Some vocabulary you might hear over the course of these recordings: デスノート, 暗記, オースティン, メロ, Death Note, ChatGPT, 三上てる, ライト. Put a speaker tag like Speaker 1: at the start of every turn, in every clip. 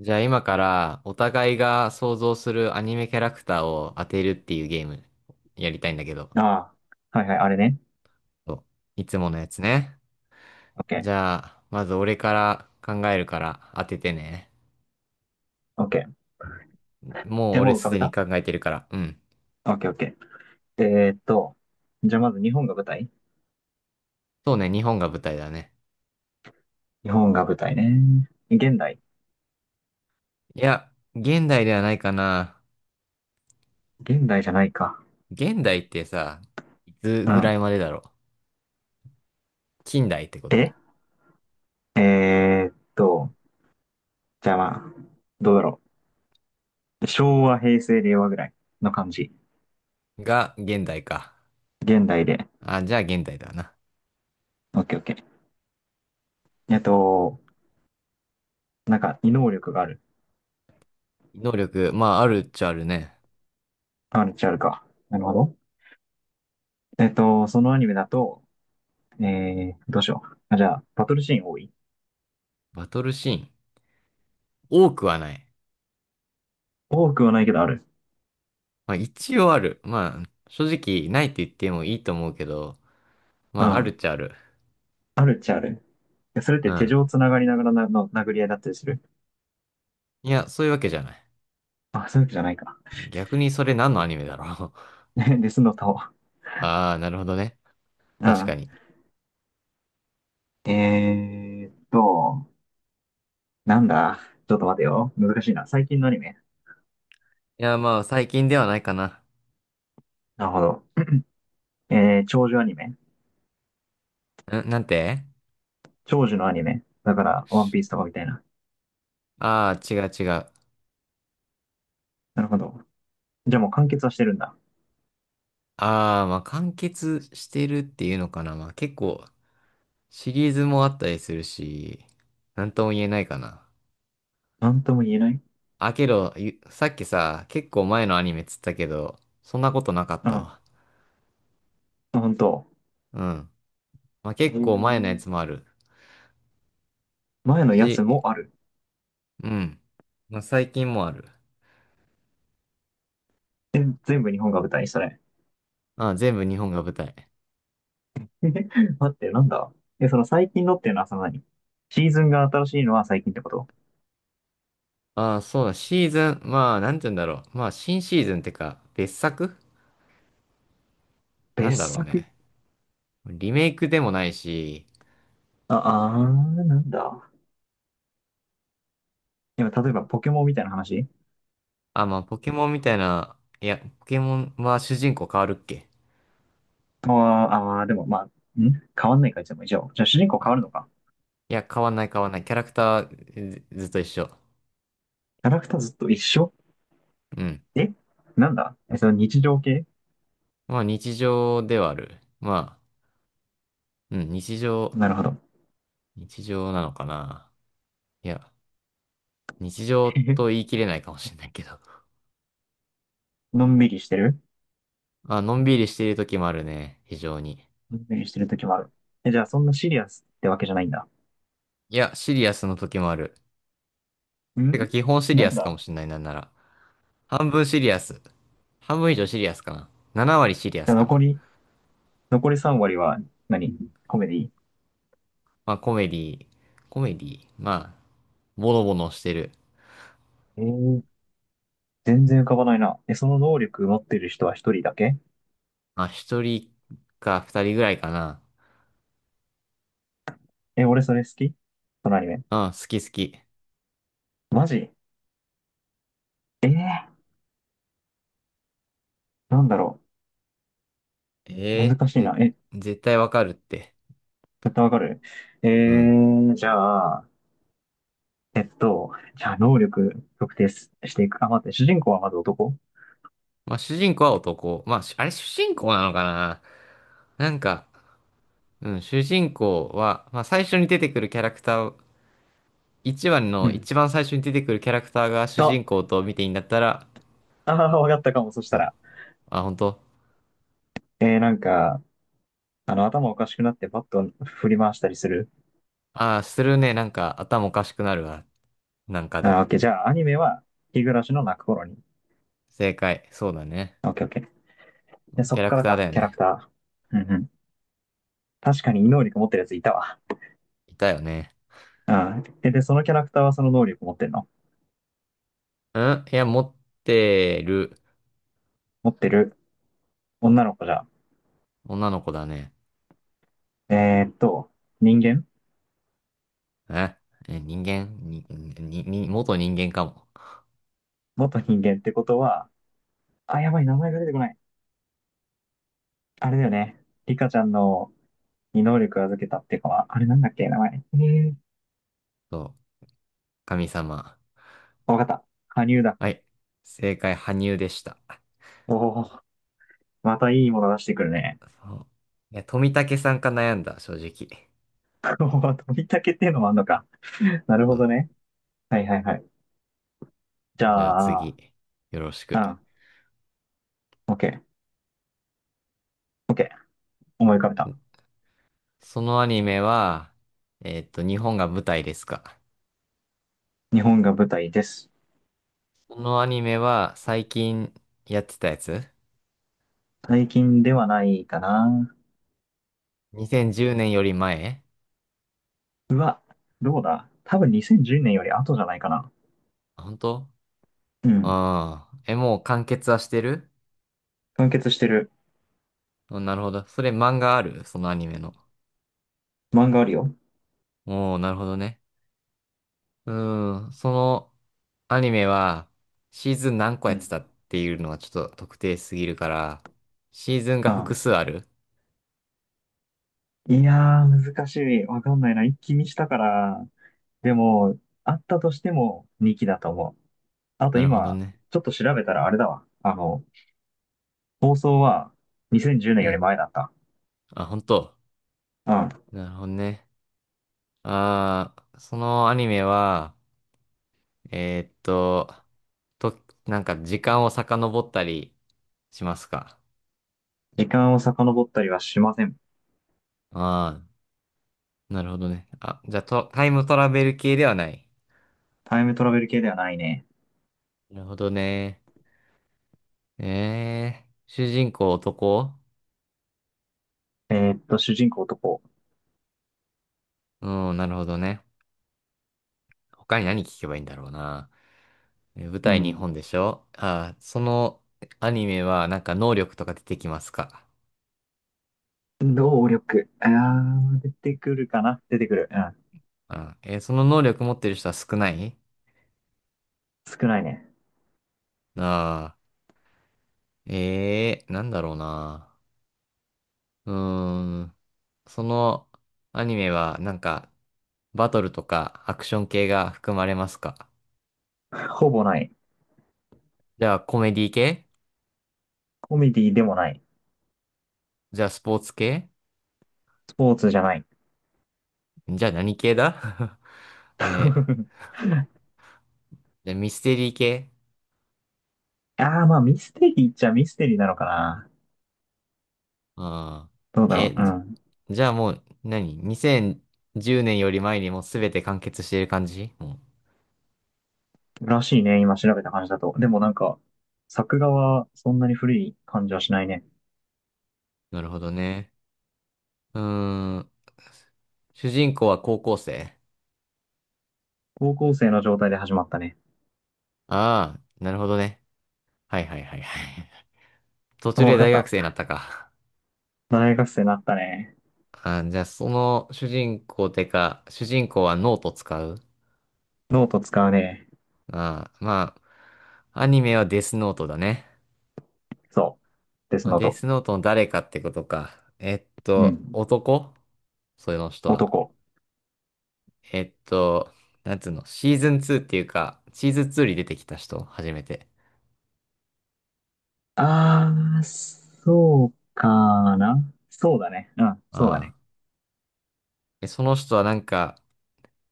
Speaker 1: じゃあ今からお互いが想像するアニメキャラクターを当てるっていうゲームやりたいんだけど。
Speaker 2: ああ、はいはい、あれね。
Speaker 1: そう、いつものやつね。
Speaker 2: オッケ
Speaker 1: じ
Speaker 2: ー、
Speaker 1: ゃあ、まず俺から考えるから当ててね。
Speaker 2: オッケー。
Speaker 1: もう
Speaker 2: え、
Speaker 1: 俺
Speaker 2: もう浮か
Speaker 1: す
Speaker 2: べ
Speaker 1: でに
Speaker 2: た？
Speaker 1: 考えてるから。うん。
Speaker 2: オッケー、オッケー。じゃあまず日本が舞台？
Speaker 1: そうね、日本が舞台だね。
Speaker 2: 日本が舞台ね。現代？
Speaker 1: いや、現代ではないかな。
Speaker 2: 現代じゃないか。
Speaker 1: 現代ってさ、いつ
Speaker 2: う
Speaker 1: ぐら
Speaker 2: ん。
Speaker 1: いまでだろう。近代ってこと？
Speaker 2: ええーっと、じゃあまあ、どうだろう。昭和、平成、令和ぐらいの感じ。
Speaker 1: が現代か。
Speaker 2: 現代で。
Speaker 1: あ、じゃあ現代だな。
Speaker 2: オッケー、オッケー。えっと、なんか、異能力がある。
Speaker 1: 能力、まああるっちゃあるね。
Speaker 2: あるっちゃあるか。なるほど。そのアニメだと、どうしよう。あ、じゃあ、バトルシーン多い？
Speaker 1: バトルシーン。多くはない。
Speaker 2: 多くはないけどある。
Speaker 1: まあ一応ある。まあ正直ないと言ってもいいと思うけど、ま
Speaker 2: う
Speaker 1: あある
Speaker 2: ん。
Speaker 1: っちゃある。
Speaker 2: あるっちゃある。やそれっ
Speaker 1: う
Speaker 2: て手
Speaker 1: ん。
Speaker 2: 錠つながりながらなの殴り合いだったりする？
Speaker 1: いや、そういうわけじゃない。
Speaker 2: あ、そういうわけじゃないか。
Speaker 1: 逆にそれ何のアニメだろう。
Speaker 2: で、スノタを。
Speaker 1: ああ、なるほどね。
Speaker 2: う
Speaker 1: 確か
Speaker 2: ん。
Speaker 1: に。い
Speaker 2: えーっと、なんだ。ちょっと待てよ。難しいな。最近のアニメ。
Speaker 1: や、まあ最近ではないかな。
Speaker 2: なるほど。えー、長寿アニメ。
Speaker 1: ん、なんて？
Speaker 2: 長寿のアニメ。だから、ワンピースとかみたいな。
Speaker 1: ああー、違う違う。
Speaker 2: なるほど。じゃあもう完結はしてるんだ。
Speaker 1: ああ、まあ完結してるっていうのかな。まあ結構シリーズもあったりするし、なんとも言えないかな。
Speaker 2: なんとも言えない。
Speaker 1: あ、けど、ゆ、さっきさ、結構前のアニメっつったけど、そんなことなかっ
Speaker 2: う
Speaker 1: た
Speaker 2: ん。
Speaker 1: わ。
Speaker 2: ほ本当。
Speaker 1: うん。まあ
Speaker 2: え
Speaker 1: 結構前のや
Speaker 2: ー
Speaker 1: つもある
Speaker 2: 前のやつ
Speaker 1: し、
Speaker 2: もある。
Speaker 1: うん。まあ最近もある。
Speaker 2: え全部日本が舞台、それ？
Speaker 1: ああ、全部日本が舞台。
Speaker 2: 待って、なんだ。え、その最近のっていうのはその何？シーズンが新しいのは最近ってこと？
Speaker 1: ああ、そうだ、シーズン、まあなんて言うんだろう。まあ新シーズンってか、別作、
Speaker 2: 別
Speaker 1: なんだろう
Speaker 2: 作。
Speaker 1: ね。リメイクでもないし、
Speaker 2: あ、あー、なんだ。今、例えばポケモンみたいな話？
Speaker 1: あ、まあポケモンみたいな、いや、ポケモンは主人公変わるっけ？
Speaker 2: ああーあー、でもまあ、ん変わんないか、いつも以上。じゃじゃあ主人公変わるのか。
Speaker 1: いや、変わんない。キャラクターずっと一緒。
Speaker 2: キャラクターずっと一緒？
Speaker 1: うん。
Speaker 2: え、なんだ？え、その日常系？
Speaker 1: まあ日常ではある。まあ、うん、日常、
Speaker 2: なるほど。
Speaker 1: 日常なのかな。いや、日 常
Speaker 2: へへ、
Speaker 1: と言い切れないかもしれないけど。
Speaker 2: のんびりしてる？
Speaker 1: あ、のんびりしている時もあるね。非常に。
Speaker 2: のんびりしてる時もある。え、じゃあ、そんなシリアスってわけじゃないんだ。
Speaker 1: いや、シリアスの時もある。てか、
Speaker 2: ん、
Speaker 1: 基本シリ
Speaker 2: な
Speaker 1: ア
Speaker 2: ん
Speaker 1: スか
Speaker 2: だ。
Speaker 1: もしれない、なんなら。半分シリアス。半分以上シリアスかな。7割シリア
Speaker 2: じ
Speaker 1: ス
Speaker 2: ゃあ、
Speaker 1: か
Speaker 2: 残
Speaker 1: な。
Speaker 2: り、残り3割は何？コメディ？
Speaker 1: まあ、コメディ、まあ、ボロボロしてる。
Speaker 2: えー、全然浮かばないな。え、その能力持ってる人は一人だけ？
Speaker 1: まあ、一人か二人ぐらいかな。
Speaker 2: え、俺それ好き、そのアニメ。
Speaker 1: うん、好き好き。
Speaker 2: マジ？えー、なんだろ
Speaker 1: え
Speaker 2: う。
Speaker 1: え
Speaker 2: 難しい
Speaker 1: ぜ、
Speaker 2: な。え、
Speaker 1: 絶対わかるって。
Speaker 2: 絶対わかる。え
Speaker 1: うん。
Speaker 2: ー、じゃあ、えっと、じゃあ、能力特定すしていく。あ、待って、主人公はまず男？
Speaker 1: まあ、主人公は男。まあ、し、あれ主人公なのかな？なんか、うん、主人公は、まあ、最初に出てくるキャラクター一番
Speaker 2: う
Speaker 1: の
Speaker 2: ん。
Speaker 1: 一番最初に出てくるキャラクターが主
Speaker 2: と、
Speaker 1: 人公と見ていいんだったら、
Speaker 2: あ、あわかったかも。そした
Speaker 1: そう。
Speaker 2: ら。
Speaker 1: あ、本当？
Speaker 2: なんか、あの、頭おかしくなってバットを振り回したりする。
Speaker 1: ああー、するね。なんか頭おかしくなるわ。なんか
Speaker 2: あー、オ
Speaker 1: で。
Speaker 2: ッケー。じゃあ、アニメは、日暮らしの泣く頃に。
Speaker 1: 正解。そうだね。
Speaker 2: オッケー、オッケー。で、そ
Speaker 1: キャ
Speaker 2: っ
Speaker 1: ラ
Speaker 2: か
Speaker 1: ク
Speaker 2: ら
Speaker 1: ター
Speaker 2: か、
Speaker 1: だよ
Speaker 2: キャラ
Speaker 1: ね。
Speaker 2: クター。うんうん。確かに異能力持ってるやついたわ。
Speaker 1: いたよね。
Speaker 2: うん。え、で、そのキャラクターはその能力持ってるの？
Speaker 1: うん、いや、持ってる。
Speaker 2: 持ってる、女の子じゃん。
Speaker 1: 女の子だね。
Speaker 2: えーっと、人間？
Speaker 1: ええ、人間に、に、に、元人間かも。
Speaker 2: 元人間ってことは、あ、やばい、名前が出てこない。あれだよね。リカちゃんのに能力預けたっていうかは、あれなんだっけ、名前。えー、
Speaker 1: そう。神様。
Speaker 2: わかった。羽生だ。
Speaker 1: はい。正解、羽生でした。
Speaker 2: おお、またいいもの出してくるね。
Speaker 1: そう。いや、富武さんか悩んだ、正直。
Speaker 2: おー飛びたけっていうのもあんのか。なる
Speaker 1: そ
Speaker 2: ほど
Speaker 1: う。
Speaker 2: ね。はいはいはい。じ
Speaker 1: じゃあ
Speaker 2: ゃあ、
Speaker 1: 次、よろし
Speaker 2: う
Speaker 1: く。
Speaker 2: ん、オッケー、オッケー。思い浮かべた。
Speaker 1: そのアニメは、えっと、日本が舞台ですか。
Speaker 2: 日本が舞台です。
Speaker 1: そのアニメは最近やってたやつ？
Speaker 2: 最近ではないかな。
Speaker 1: 2010 年より前？
Speaker 2: うわ、どうだ多分2010年より後じゃないかな。
Speaker 1: あ本当？
Speaker 2: うん。
Speaker 1: ああー。え、もう完結はしてる？
Speaker 2: 完結してる。
Speaker 1: うん、なるほど。それ漫画ある？そのアニメの。
Speaker 2: 漫画あるよ。
Speaker 1: おー、なるほどね。うーん、そのアニメはシーズン何個
Speaker 2: う
Speaker 1: やっ
Speaker 2: ん。
Speaker 1: てたっていうのはちょっと特定すぎるから、シーズンが
Speaker 2: あ、
Speaker 1: 複数ある？
Speaker 2: いやー、難しい。わかんないな。一気にしたから。でも、あったとしても2期だと思う。あと
Speaker 1: なるほど
Speaker 2: 今、
Speaker 1: ね。
Speaker 2: ちょっと調べたらあれだわ。あの、放送は2010年
Speaker 1: う
Speaker 2: より
Speaker 1: ん。
Speaker 2: 前だった。
Speaker 1: あ、本当？
Speaker 2: うん。
Speaker 1: なるほどね。ああ、そのアニメは、えーっと、と、なんか時間を遡ったりしますか。
Speaker 2: 時間を遡ったりはしません。
Speaker 1: ああ、なるほどね。あ、じゃあと、タイムトラベル系ではない。
Speaker 2: タイムトラベル系ではないね。
Speaker 1: なるほどね。ええ、主人公男？
Speaker 2: 主人公男。
Speaker 1: うん、なるほどね。他に何聞けばいいんだろうな。え舞
Speaker 2: う
Speaker 1: 台日
Speaker 2: ん。
Speaker 1: 本でしょ？ああ、そのアニメはなんか能力とか出てきますか。
Speaker 2: 能力。あー、出てくるかな出てくる。うん。
Speaker 1: あ、えー、その能力持ってる人は少ない？
Speaker 2: 少ないね。
Speaker 1: ああ。ええー、なんだろうな。うーん。そのアニメはなんかバトルとかアクション系が含まれますか？
Speaker 2: ほぼない。
Speaker 1: じゃあコメディ系？
Speaker 2: コメディでもない。
Speaker 1: じゃあスポーツ系？
Speaker 2: スポーツじゃない。
Speaker 1: じゃあ何系だ？ えー、じゃあミステリー系？
Speaker 2: あー、まあミステリーっちゃミステリーなのかな。
Speaker 1: あ
Speaker 2: どうだ
Speaker 1: ー、
Speaker 2: ろう。
Speaker 1: え、
Speaker 2: う
Speaker 1: じ、
Speaker 2: ん。
Speaker 1: じゃあもう何？ 2010 年より前にもうすべて完結している感じ？も
Speaker 2: らしいね。今調べた感じだと。でもなんか、作画はそんなに古い感じはしないね。
Speaker 1: う、なるほどね。うーん。主人公は高校生？
Speaker 2: 高校生の状態で始まったね。
Speaker 1: ああー、なるほどね。はいはいはいはい。途
Speaker 2: お
Speaker 1: 中で
Speaker 2: わかっ
Speaker 1: 大学
Speaker 2: た。
Speaker 1: 生になったか。
Speaker 2: 大学生になったね。
Speaker 1: あ、じゃあ、その主人公てか、主人公はノート使う？
Speaker 2: ノート使うね。
Speaker 1: あま、あ、アニメはデスノートだね。
Speaker 2: そう。デス
Speaker 1: まあ、
Speaker 2: ノー
Speaker 1: デ
Speaker 2: ト。
Speaker 1: スノートの誰かってことか。えっ
Speaker 2: う
Speaker 1: と、
Speaker 2: ん。
Speaker 1: 男？それの人は。
Speaker 2: 男。
Speaker 1: えっと、なんつうの、シーズン2っていうか、シーズン2に出てきた人、初めて。
Speaker 2: あー、そうかな。そうだね。うん、
Speaker 1: あ
Speaker 2: そうだね。
Speaker 1: あ。え、その人はなんか、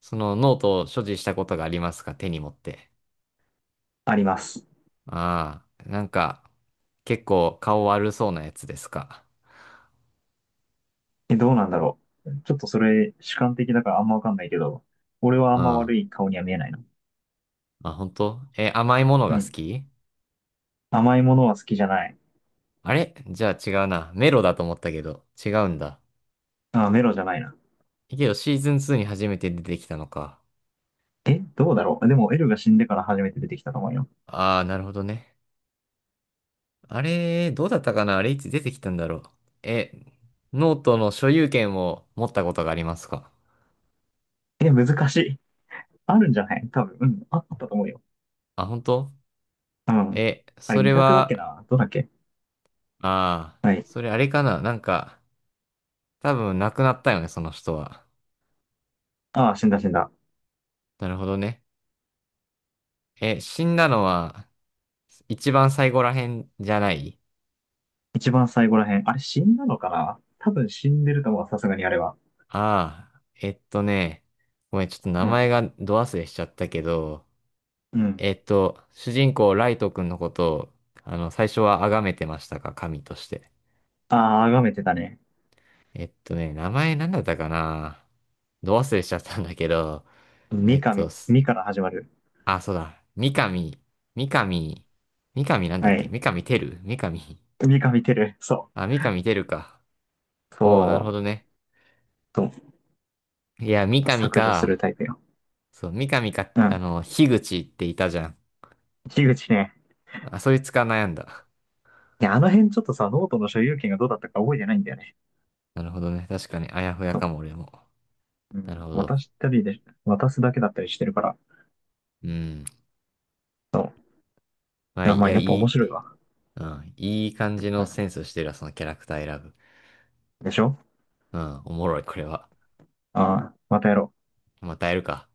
Speaker 1: そのノートを所持したことがありますか？手に持って。
Speaker 2: あります。
Speaker 1: ああ。なんか、結構顔悪そうなやつですか。
Speaker 2: え、どうなんだろう。ちょっとそれ、主観的だからあんまわかんないけど、俺はあんま
Speaker 1: あ、
Speaker 2: 悪い顔には見えないな。
Speaker 1: 本当？え、甘いもの
Speaker 2: う
Speaker 1: が好
Speaker 2: ん。
Speaker 1: き？
Speaker 2: 甘いものは好きじゃない。
Speaker 1: あれじゃあ違うな。メロだと思ったけど、違うんだ。
Speaker 2: あ、メロじゃないな。
Speaker 1: けどシーズン2に初めて出てきたのか。
Speaker 2: え、どうだろう。でも、エルが死んでから初めて出てきたと思うよ。
Speaker 1: ああ、なるほどね。あれ、どうだったかな？あれいつ出てきたんだろう。え、ノートの所有権を持ったことがありますか？
Speaker 2: え、難しい。あるんじゃない多分。うん。ああったと思うよ。
Speaker 1: あ、本当？
Speaker 2: うん。
Speaker 1: え、
Speaker 2: あれ、
Speaker 1: そ
Speaker 2: 委
Speaker 1: れ
Speaker 2: 託だっけ
Speaker 1: は、
Speaker 2: などうだっけ？
Speaker 1: ああ、
Speaker 2: はい。
Speaker 1: それあれかな？なんか、多分亡くなったよね、その人は。
Speaker 2: ああ、死んだ死んだ。
Speaker 1: なるほどね。え、死んだのは、一番最後らへんじゃない？
Speaker 2: 一番最後らへん。あれ、死んだのかな多分死んでると思う。さすがにあれは。
Speaker 1: ああ、えっとね、ごめん、ちょっと名
Speaker 2: う
Speaker 1: 前
Speaker 2: ん。
Speaker 1: がど忘れしちゃったけど、
Speaker 2: うん。
Speaker 1: えっと、主人公ライト君のことを、あの、最初は崇めてましたか、神として。
Speaker 2: ああ、あがめてたね。
Speaker 1: えっとね、名前なんだったかな？ど忘れしちゃったんだけど、え
Speaker 2: 三
Speaker 1: っ
Speaker 2: かみ、
Speaker 1: と、す、
Speaker 2: みから始まる。
Speaker 1: あ、そうだ、三上、三上、三上なんだっ
Speaker 2: は
Speaker 1: け？
Speaker 2: い。
Speaker 1: 三上てる三上。
Speaker 2: 三か見てる。そ
Speaker 1: あ、三上てるか。
Speaker 2: う。そ
Speaker 1: おお、なるほ
Speaker 2: う。
Speaker 1: どね。
Speaker 2: そ
Speaker 1: いや、三
Speaker 2: う
Speaker 1: 上
Speaker 2: 削除する
Speaker 1: か、
Speaker 2: タイプよ。
Speaker 1: そう、三上か、
Speaker 2: う
Speaker 1: あ
Speaker 2: ん。
Speaker 1: の、樋口っていたじゃん。
Speaker 2: 樋口ね。
Speaker 1: あ、そいつか悩んだ。
Speaker 2: いや、あの辺ちょっとさ、ノートの所有権がどうだったか覚えてないんだよね。
Speaker 1: なるほどね。確かに、あやふや
Speaker 2: そ
Speaker 1: か
Speaker 2: う。
Speaker 1: も、俺も。
Speaker 2: う
Speaker 1: なる
Speaker 2: ん。
Speaker 1: ほど。
Speaker 2: 渡したりで、渡すだけだったりしてるから。
Speaker 1: うん。
Speaker 2: そう。
Speaker 1: ま
Speaker 2: い
Speaker 1: あ、
Speaker 2: や、
Speaker 1: い
Speaker 2: まあ、
Speaker 1: や、
Speaker 2: や
Speaker 1: い
Speaker 2: っぱ面
Speaker 1: い、
Speaker 2: 白いわ。
Speaker 1: うん。いい感
Speaker 2: う
Speaker 1: じのセ
Speaker 2: ん。
Speaker 1: ンスしてるわ、そのキャラクター選ぶ。
Speaker 2: でしょ？
Speaker 1: うん。おもろい、これは。
Speaker 2: ああ、またやろう。
Speaker 1: またやるか。